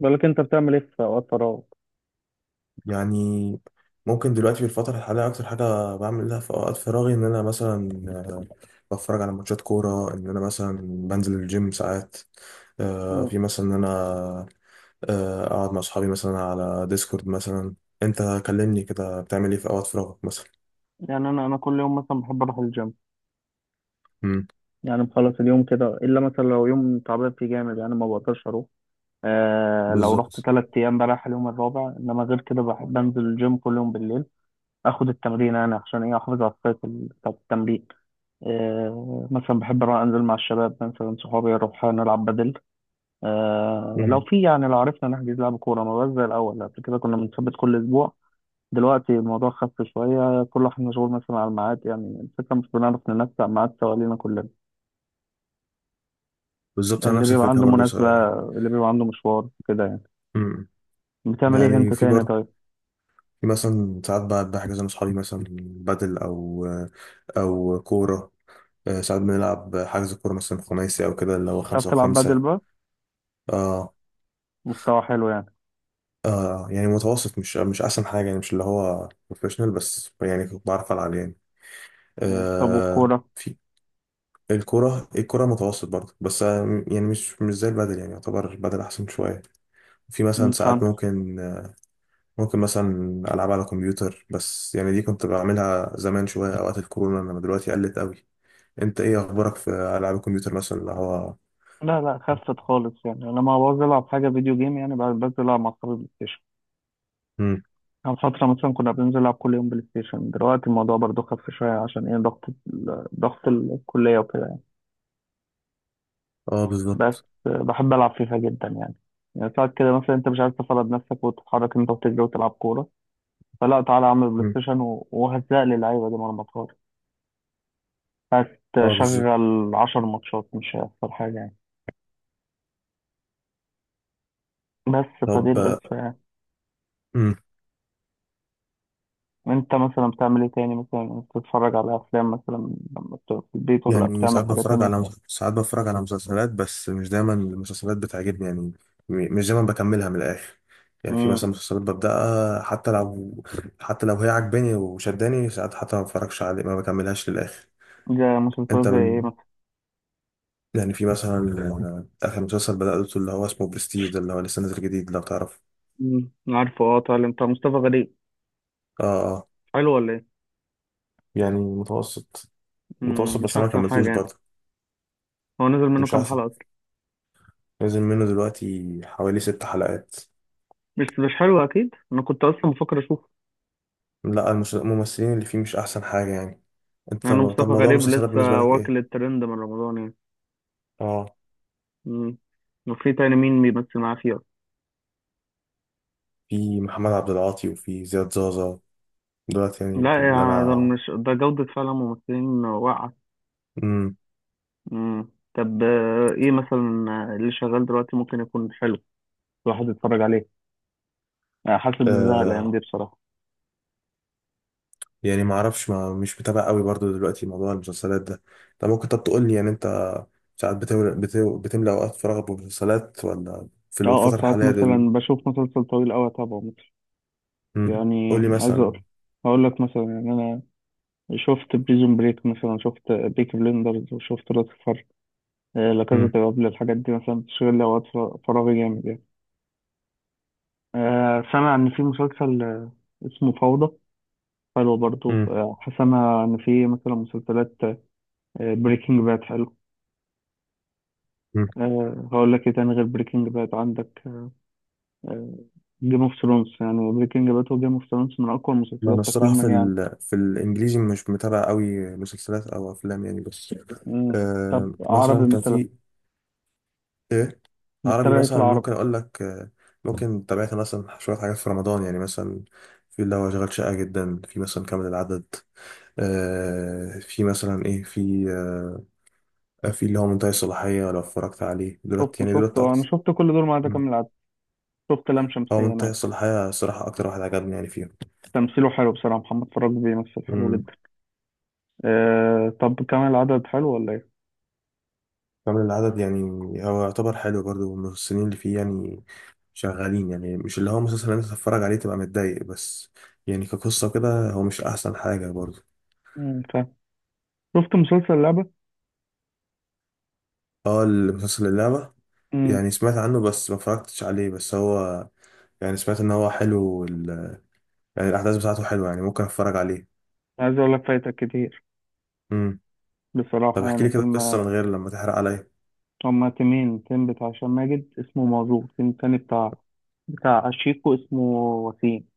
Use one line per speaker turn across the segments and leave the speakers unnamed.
بالك انت بتعمل ايه في اوقات فراغ.
يعني ممكن دلوقتي في الفترة الحالية أكتر حاجة بعملها في أوقات فراغي إن أنا مثلا، بتفرج على ماتشات كورة، إن أنا مثلا بنزل الجيم ساعات،
مم.
في مثلا إن أنا أقعد مع أصحابي مثلا على ديسكورد مثلا. أنت كلمني كده، بتعمل إيه في أوقات فراغك مثلا؟
يعني انا انا كل يوم مثلا بحب اروح الجيم،
مم.
يعني مخلص اليوم كده الا مثلا لو يوم تعبان فيه جامد، يعني ما بقدرش اروح. آه، لو رحت
بالظبط.
تلات ايام بريح اليوم الرابع، انما غير كده بحب انزل الجيم كل يوم بالليل اخد التمرين، يعني عشان ايه احافظ على السايكل بتاع التمرين. آه، مثلا بحب اروح انزل مع الشباب، مثلا صحابي اروح نلعب بدل. آه، لو
مم.
في يعني لو عرفنا نحجز لعب كوره، ما بقاش زي الاول. قبل كده كنا بنثبت كل اسبوع، دلوقتي الموضوع خف شوية. كل واحد مشغول مثلا على الميعاد، يعني الفكرة مش بنعرف ننسق ميعاد سوا لينا كلنا.
بالظبط، أنا
اللي
نفس
بيبقى
الفكرة
عنده
برضو
مناسبة، اللي بيبقى عنده مشوار كده يعني.
مم.
بتعمل ايه انت
يعني في
تاني
برضو،
طيب؟
في مثلا ساعات بقعد بحجز مع أصحابي مثلا بدل، أو أو كورة. ساعات بنلعب حجز كورة مثلا خماسي، أو كده اللي هو
بتعرف
خمسة
تلعب بدل
وخمسة.
بقى؟
اه.
مستوى حلو يعني.
اه، يعني متوسط، مش أحسن حاجة يعني، مش اللي هو بروفيشنال، بس يعني كنت بعرف ألعب يعني.
مم. طب
آه،
والكورة؟
في الكورة متوسط برضه، بس يعني مش زي البدل يعني، يعتبر البدل أحسن شوية. في مثلا
مم،
ساعات
فهمتك.
ممكن مثلا ألعب على كمبيوتر، بس يعني دي كنت بعملها زمان شوية أوقات الكورونا، إنما دلوقتي قلت قوي. أنت إيه أخبارك في ألعاب الكمبيوتر مثلا اللي هو؟
لا، خفت خالص. يعني أنا ما بعوز ألعب حاجة فيديو جيم، يعني بعد بنزل ألعب مع أصحابي بلاي ستيشن.
مم.
كان فترة مثلا كنا بننزل نلعب كل يوم بلاي ستيشن، دلوقتي الموضوع برضو خف شوية، عشان ايه ضغط ضغط الكلية وكده.
اه،
بس
بالظبط.
بحب ألعب فيفا جدا يعني. يعني ساعات كده مثلا أنت مش عايز تفرض نفسك وتتحرك أنت وتجري وتلعب كورة، فلا تعالى أعمل بلاي
مم.
ستيشن وهزق لي اللعيبة دي مرمطات.
اه، بالظبط.
هتشغل عشر ماتشات مش هيحصل حاجة يعني. بس فدي
طب،
القصة يعني.
مم.
أنت مثلا بتعمل إيه تاني؟ مثلا بتتفرج على أفلام مثلا لما بتبقى في البيت، ولا
يعني
بتعمل
ساعات
حاجة
بتفرج
تانية؟
على ساعات بتفرج على مسلسلات، بس مش دايما المسلسلات بتعجبني يعني. مش دايما بكملها من الآخر. يعني في
امم.
مثلا مسلسلات ببدأها، حتى لو هي عجباني وشداني، ساعات حتى ما بتفرجش عليه، ما بكملهاش للآخر.
زي مسلسلات
انت
زي إيه
بن...
مثلا؟
يعني في مثلا، آخر مسلسل بدأته اللي هو اسمه برستيج، ده اللي هو لسه نازل جديد لو تعرف.
امم. عارفه، أه طالع. أنت مصطفى غريب
اه. اه،
حلو ولا إيه؟
يعني متوسط،
امم، مش
بس انا ما
أحسن
كملتوش
حاجة يعني.
برضه.
هو نزل منه
مش
كام
احسن.
حلقة؟
نازل منه دلوقتي حوالي ست حلقات.
بس مش حلو اكيد، انا كنت اصلا بفكر اشوفه.
لا، الممثلين اللي فيه مش احسن حاجه يعني. انت،
يعني
طب
مصطفى
موضوع
غريب
المسلسلات بالنسبه
لسه
لك
واكل
ايه؟
الترند من رمضان يعني.
اه،
مم. وفي تاني مين بيمثل معاه فيه أصلاً؟
في محمد عبد العاطي وفي زياد زازا، دلوقتي يعني
لا
اللي
يعني ده،
انا
مش ده جودة فعلا، ممثلين واقعة.
امم
مم. طب آه، ايه مثلا، آه، اللي شغال دلوقتي ممكن يكون حلو الواحد يتفرج عليه؟ آه، حاسس بالزهق الايام
آه
دي بصراحة.
يعني ما اعرفش، ما مش متابع قوي برضو دلوقتي موضوع المسلسلات ده. طب ممكن، طب تقول لي يعني انت، ساعات بتملى اوقات فراغك بمسلسلات، ولا في
اه،
الفتره
ساعات
الحاليه دول؟
مثلا بشوف مسلسل طويل اوي اتابعه مثلا.
امم.
يعني
قول لي
عايز اقول،
مثلا.
اقول لك مثلا، يعني انا شفت بريزون بريك مثلا، شفت بيك بلندرز، وشفت راس، آه، لا كاسا
امم.
دي بابل. الحاجات دي مثلا بتشغل لي فراغي جامد يعني. آه، سامع ان في مسلسل آه، اسمه فوضى، حلو برضو.
امم.
آه، سامع ان في مثلا مسلسلات بريكنج باد حلو.
امم.
أه هقول لك ايه تاني غير بريكنج باد؟ عندك جيم اوف ثرونز. يعني بريكنج باد وجيم اوف ثرونز من اقوى
انا
المسلسلات
الصراحه
تقييما يعني.
في الانجليزي مش متابع قوي مسلسلات او افلام يعني، بس
مم. طب
مثلا
عربي
كان
مثلا،
في ايه. عربي
بتتابع ايه في
مثلا
العربي؟
ممكن اقول لك، ممكن تابعت مثلا شويه حاجات في رمضان، يعني مثلا في اللي هو شغال شقه جدا، في مثلا كامل العدد، في مثلا ايه في في اللي هو منتهي الصلاحيه، لو اتفرجت عليه
شفته
دلوقتي يعني
شفته
دلوقتي
انا،
اكتر.
شفت كل دول ما عدا
مم.
كامل العدد. شفت لام
هو
شمسية انا
منتهي
بس.
الصلاحيه الصراحه اكتر واحد عجبني يعني
تمثيله حلو بصراحة، محمد فراج بيمثل حلو
فيهم.
جدا. آه طب كام العدد حلو ولا ايه؟
كامل العدد يعني، هو يعتبر حلو برضو، الممثلين اللي فيه يعني شغالين، يعني مش اللي هو مسلسل انت تتفرج عليه تبقى متضايق بس، يعني كقصة كده هو مش أحسن حاجة برضو.
مم، فاهم. شفت مسلسل لعبة؟
اه، المسلسل اللعبة.
مم.
يعني سمعت عنه، بس ما اتفرجتش عليه، بس هو يعني سمعت ان هو حلو يعني الأحداث بتاعته حلوة، يعني ممكن اتفرج عليه.
عايز اقول لك فايتك كتير
امم. طب
بصراحة،
احكي
يعني
لي كده القصة
فيلم.
من غير لما تحرق عليا.
هما تيمين: تيم بتاع هشام ماجد اسمه موضوع، تيم تاني بتاع بتاع شيكو اسمه وسيم.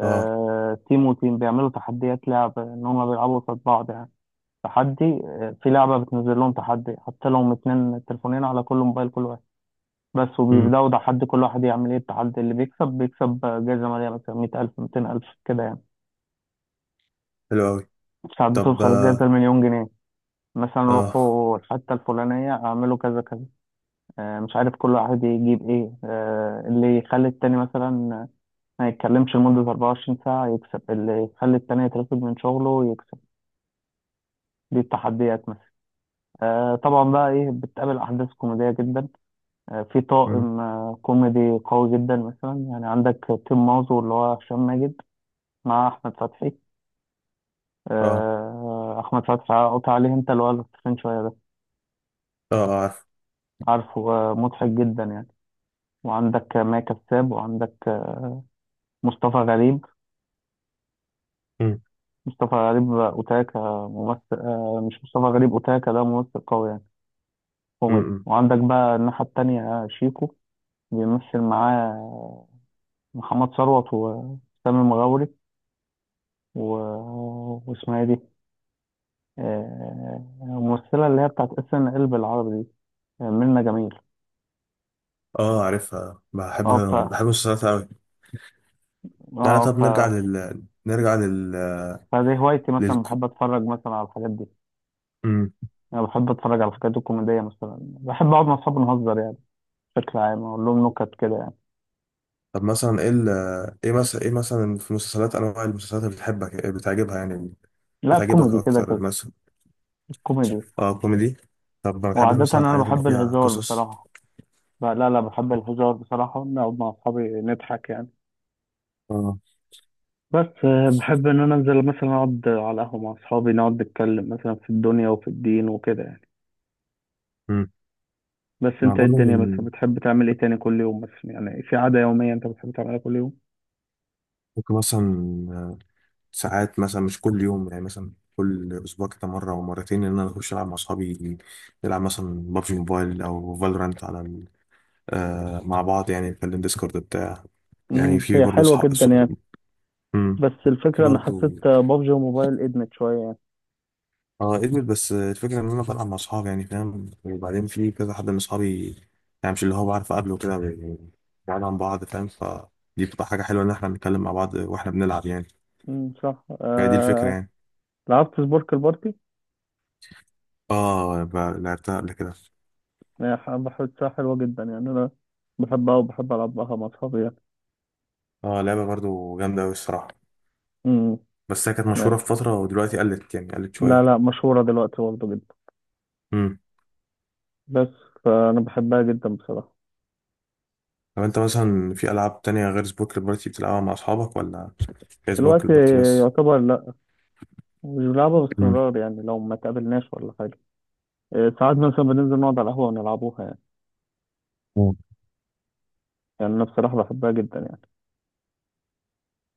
اه.
تيم وتيم بيعملوا تحديات لعب، ان هما بيلعبوا قصاد بعض يعني. تحدي، آه، في لعبة بتنزل لهم تحدي حتى لو هم اتنين تليفونين، على كل موبايل كل واحد بس،
امم.
وبيبدأوا تحدي كل واحد يعمل ايه. التحدي اللي بيكسب بيكسب جايزة مالية مثلا 100,000 ألف 200,000 كده يعني.
حلو أوي.
ساعات
طب.
بتوصل الجائزة
اه.
المليون جنيه. مثلا
اه.
روحوا الحتة الفلانية، اعملوا كذا كذا، آه، مش عارف كل واحد يجيب ايه. آه، اللي يخلي التاني مثلا ما يتكلمش لمدة 24 ساعة يكسب، اللي يخلي التاني يترفد من شغله يكسب. دي التحديات مثلا. آه، طبعا بقى ايه، بتقابل احداث كوميدية جدا. آه، في
امم.
طاقم آه، كوميدي قوي جدا. مثلا يعني عندك تيم مازو اللي هو هشام ماجد مع احمد فتحي.
اه.
آه، احمد فتحي قطع عليه، انت اللي هو تخين شوية ده،
اه. آه، عارف.
عارفه. آه، مضحك جدا يعني. وعندك ماء كساب، وعندك مصطفى غريب.
امم،
مصطفى غريب أوتاكا ممثل آه، مش مصطفى غريب أوتاكا ده ممثل قوي يعني
امم،
كوميدي.
امم.
وعندك بقى الناحية التانية آه، شيكو، بيمثل معاه آه، محمد ثروت وسامي المغاوري، و... واسمها إيه دي؟ آه، الممثلة اللي هي بتاعت اس ان ال بالعربي دي، آه، منة جميل.
اه، عارفها، بحب.
اه ف
بحب المسلسلات قوي. تعالى،
اه
طب
ف
نرجع لل نرجع لل
فدي هوايتي،
لل
مثلا بحب اتفرج مثلا على الحاجات دي.
مم.
انا بحب اتفرج على الحاجات الكوميديه، مثلا بحب اقعد مع اصحابي نهزر يعني. بشكل عام اقول لهم نكت كده يعني.
طب مثلا ايه ايه مثلا في مسلسلات انواع المسلسلات اللي بتحبك، إيه بتعجبها يعني؟
لا
بتعجبك
كوميدي كده
اكتر
كده،
مثلا.
كوميدي.
اه، كوميدي. طب ما بتحبش
وعاده
مثلا
انا
الحاجات اللي
بحب
فيها
الهزار
قصص؟
بصراحه. لا، بحب الهزار بصراحه، نقعد مع اصحابي نضحك يعني.
اه.
بس آه، بحب ان انا انزل مثلا اقعد على قهوه مع اصحابي، نقعد نتكلم مثلا في الدنيا وفي الدين وكده يعني.
امم.
بس
ما
انت إيه
برضه
الدنيا؟ مثلا
من-
بتحب تعمل ايه تاني كل يوم مثلا؟ يعني في عاده يوميه انت بتحب تعملها كل يوم؟
ممكن مثلا، آه، ساعات مثلا مش كل يوم، يعني مثلا كل اسبوع كده مره او مرتين ان انا اخش العب مع اصحابي. نلعب مثلا بابجي موبايل او فالورانت على مع بعض، يعني نتكلم ديسكورد بتاع. يعني
امم،
في
هي
برضه
حلوه
صحاب،
جدا يعني. بس
في
الفكره انا
برضه.
حسيت بابجي وموبايل ادمت شويه.
اه، ادمت، بس الفكرة ان انا بلعب مع اصحابي يعني فاهم، وبعدين في كذا حد من اصحابي، يعني مش اللي هو بعرف اقابله كده يعني، بعيد عن بعض فاهم، فدي بتبقى حاجة حلوة ان احنا بنتكلم مع بعض واحنا بنلعب يعني.
مم، صح
هي دي الفكرة
آه...
يعني.
لعبت سبورك البارتي؟
اه، لعبتها قبل كده.
يعني بحسها حلوة جدا يعني. أنا بحبها وبحب ألعبها مع أصحابي يعني.
اه، لعبة برضه جامدة اوي الصراحة.
مم،
بس هي كانت
يعني
مشهورة في فترة، ودلوقتي قلت يعني قلت
لا
شوية.
لا مشهورة دلوقتي برضه جدا. بس فأنا بحبها جدا بصراحة.
طب انت مثلا في العاب تانية غير سبورك البارتي بتلعبها مع اصحابك، ولا هي سبورك
دلوقتي
البارتي بس؟
يعتبر لا، مش بنلعبها
مم.
باستمرار يعني لو ما تقابلناش ولا حاجة. آه، ساعات مثلا بننزل نقعد على القهوة ونلعبوها يعني.
مم.
يعني أنا بصراحة بحبها جدا يعني.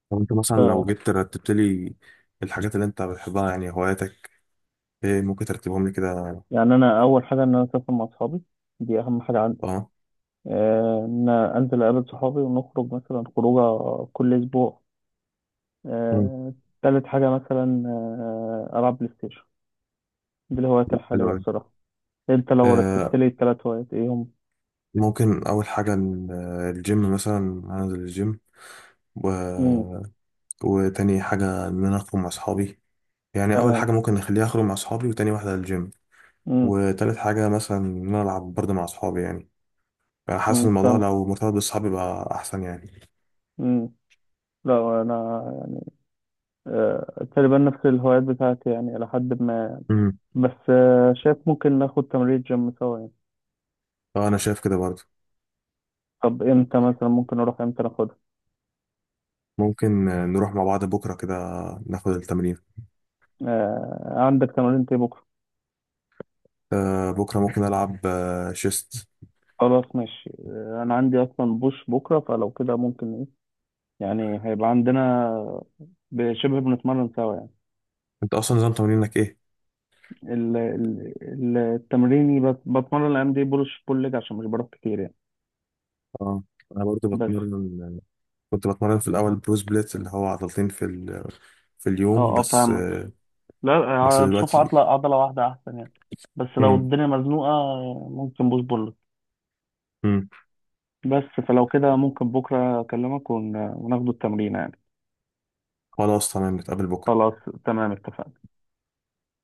طب انت مثلا لو
ف...
جيت رتبت لي الحاجات اللي انت بتحبها، يعني هواياتك، ايه ممكن ترتبهم لي كده؟
يعني أنا أول حاجة إن أنا أسافر مع أصحابي، دي أهم حاجة عندي.
اه.
آه، إن أنا أنزل أقابل صحابي ونخرج مثلا خروجة كل أسبوع.
مم.
آه، تالت حاجة مثلا آه، ألعب بلاي ستيشن. دي الهوايات
لا، حلو
الحالية
قوي.
بصراحة. أنت لو رتبت
آه،
لي التلات هوايات، إيه هم؟
ممكن اول حاجة الجيم مثلا، هنزل الجيم و...
مم.
وتاني حاجة ان انا اخرج مع اصحابي. يعني اول
تمام.
حاجة ممكن نخليها اخرج مع اصحابي، وتاني واحدة الجيم.
مم.
وتالت حاجة مثلا ان انا العب برضه مع اصحابي يعني. انا حاسس
مم،
الموضوع
فهمت.
لو مرتبط بالصحاب يبقى احسن يعني.
مم. لا أنا يعني آه، تقريبا نفس الهوايات بتاعتي يعني إلى حد ما.
امم.
بس آه، شايف ممكن ناخد تمرين جيم سوا يعني.
اه، انا شايف كده برضه.
طب إمتى مثلا ممكن أروح؟ إمتى ناخدها؟
ممكن نروح مع بعض بكره كده ناخد التمرين.
آه، عندك تمرين إيه بكرة؟
بكره ممكن العب شيست.
خلاص ماشي. آه، أنا عندي أصلا بوش بكرة، فلو كده ممكن إيه، يعني هيبقى عندنا شبه بنتمرن سوا يعني.
انت اصلا نظام تمرينك ايه؟
التمريني بس، بتمرن الايام دي بولش بول ليج عشان مش بروح كتير يعني.
اه، انا برضه
بس
بتمرن. كنت بتمرن في الاول برو سبليت اللي هو عضلتين في اليوم،
اه،
بس
فاهمك. لا
بس
آه، بشوف
دلوقتي.
عضلة واحدة أحسن يعني. بس لو
امم.
الدنيا مزنوقة آه، ممكن بوش بول.
امم.
بس فلو كده ممكن بكرة أكلمك وناخده التمرين يعني.
خلاص تمام، نتقابل بكره.
خلاص. تمام اتفقنا.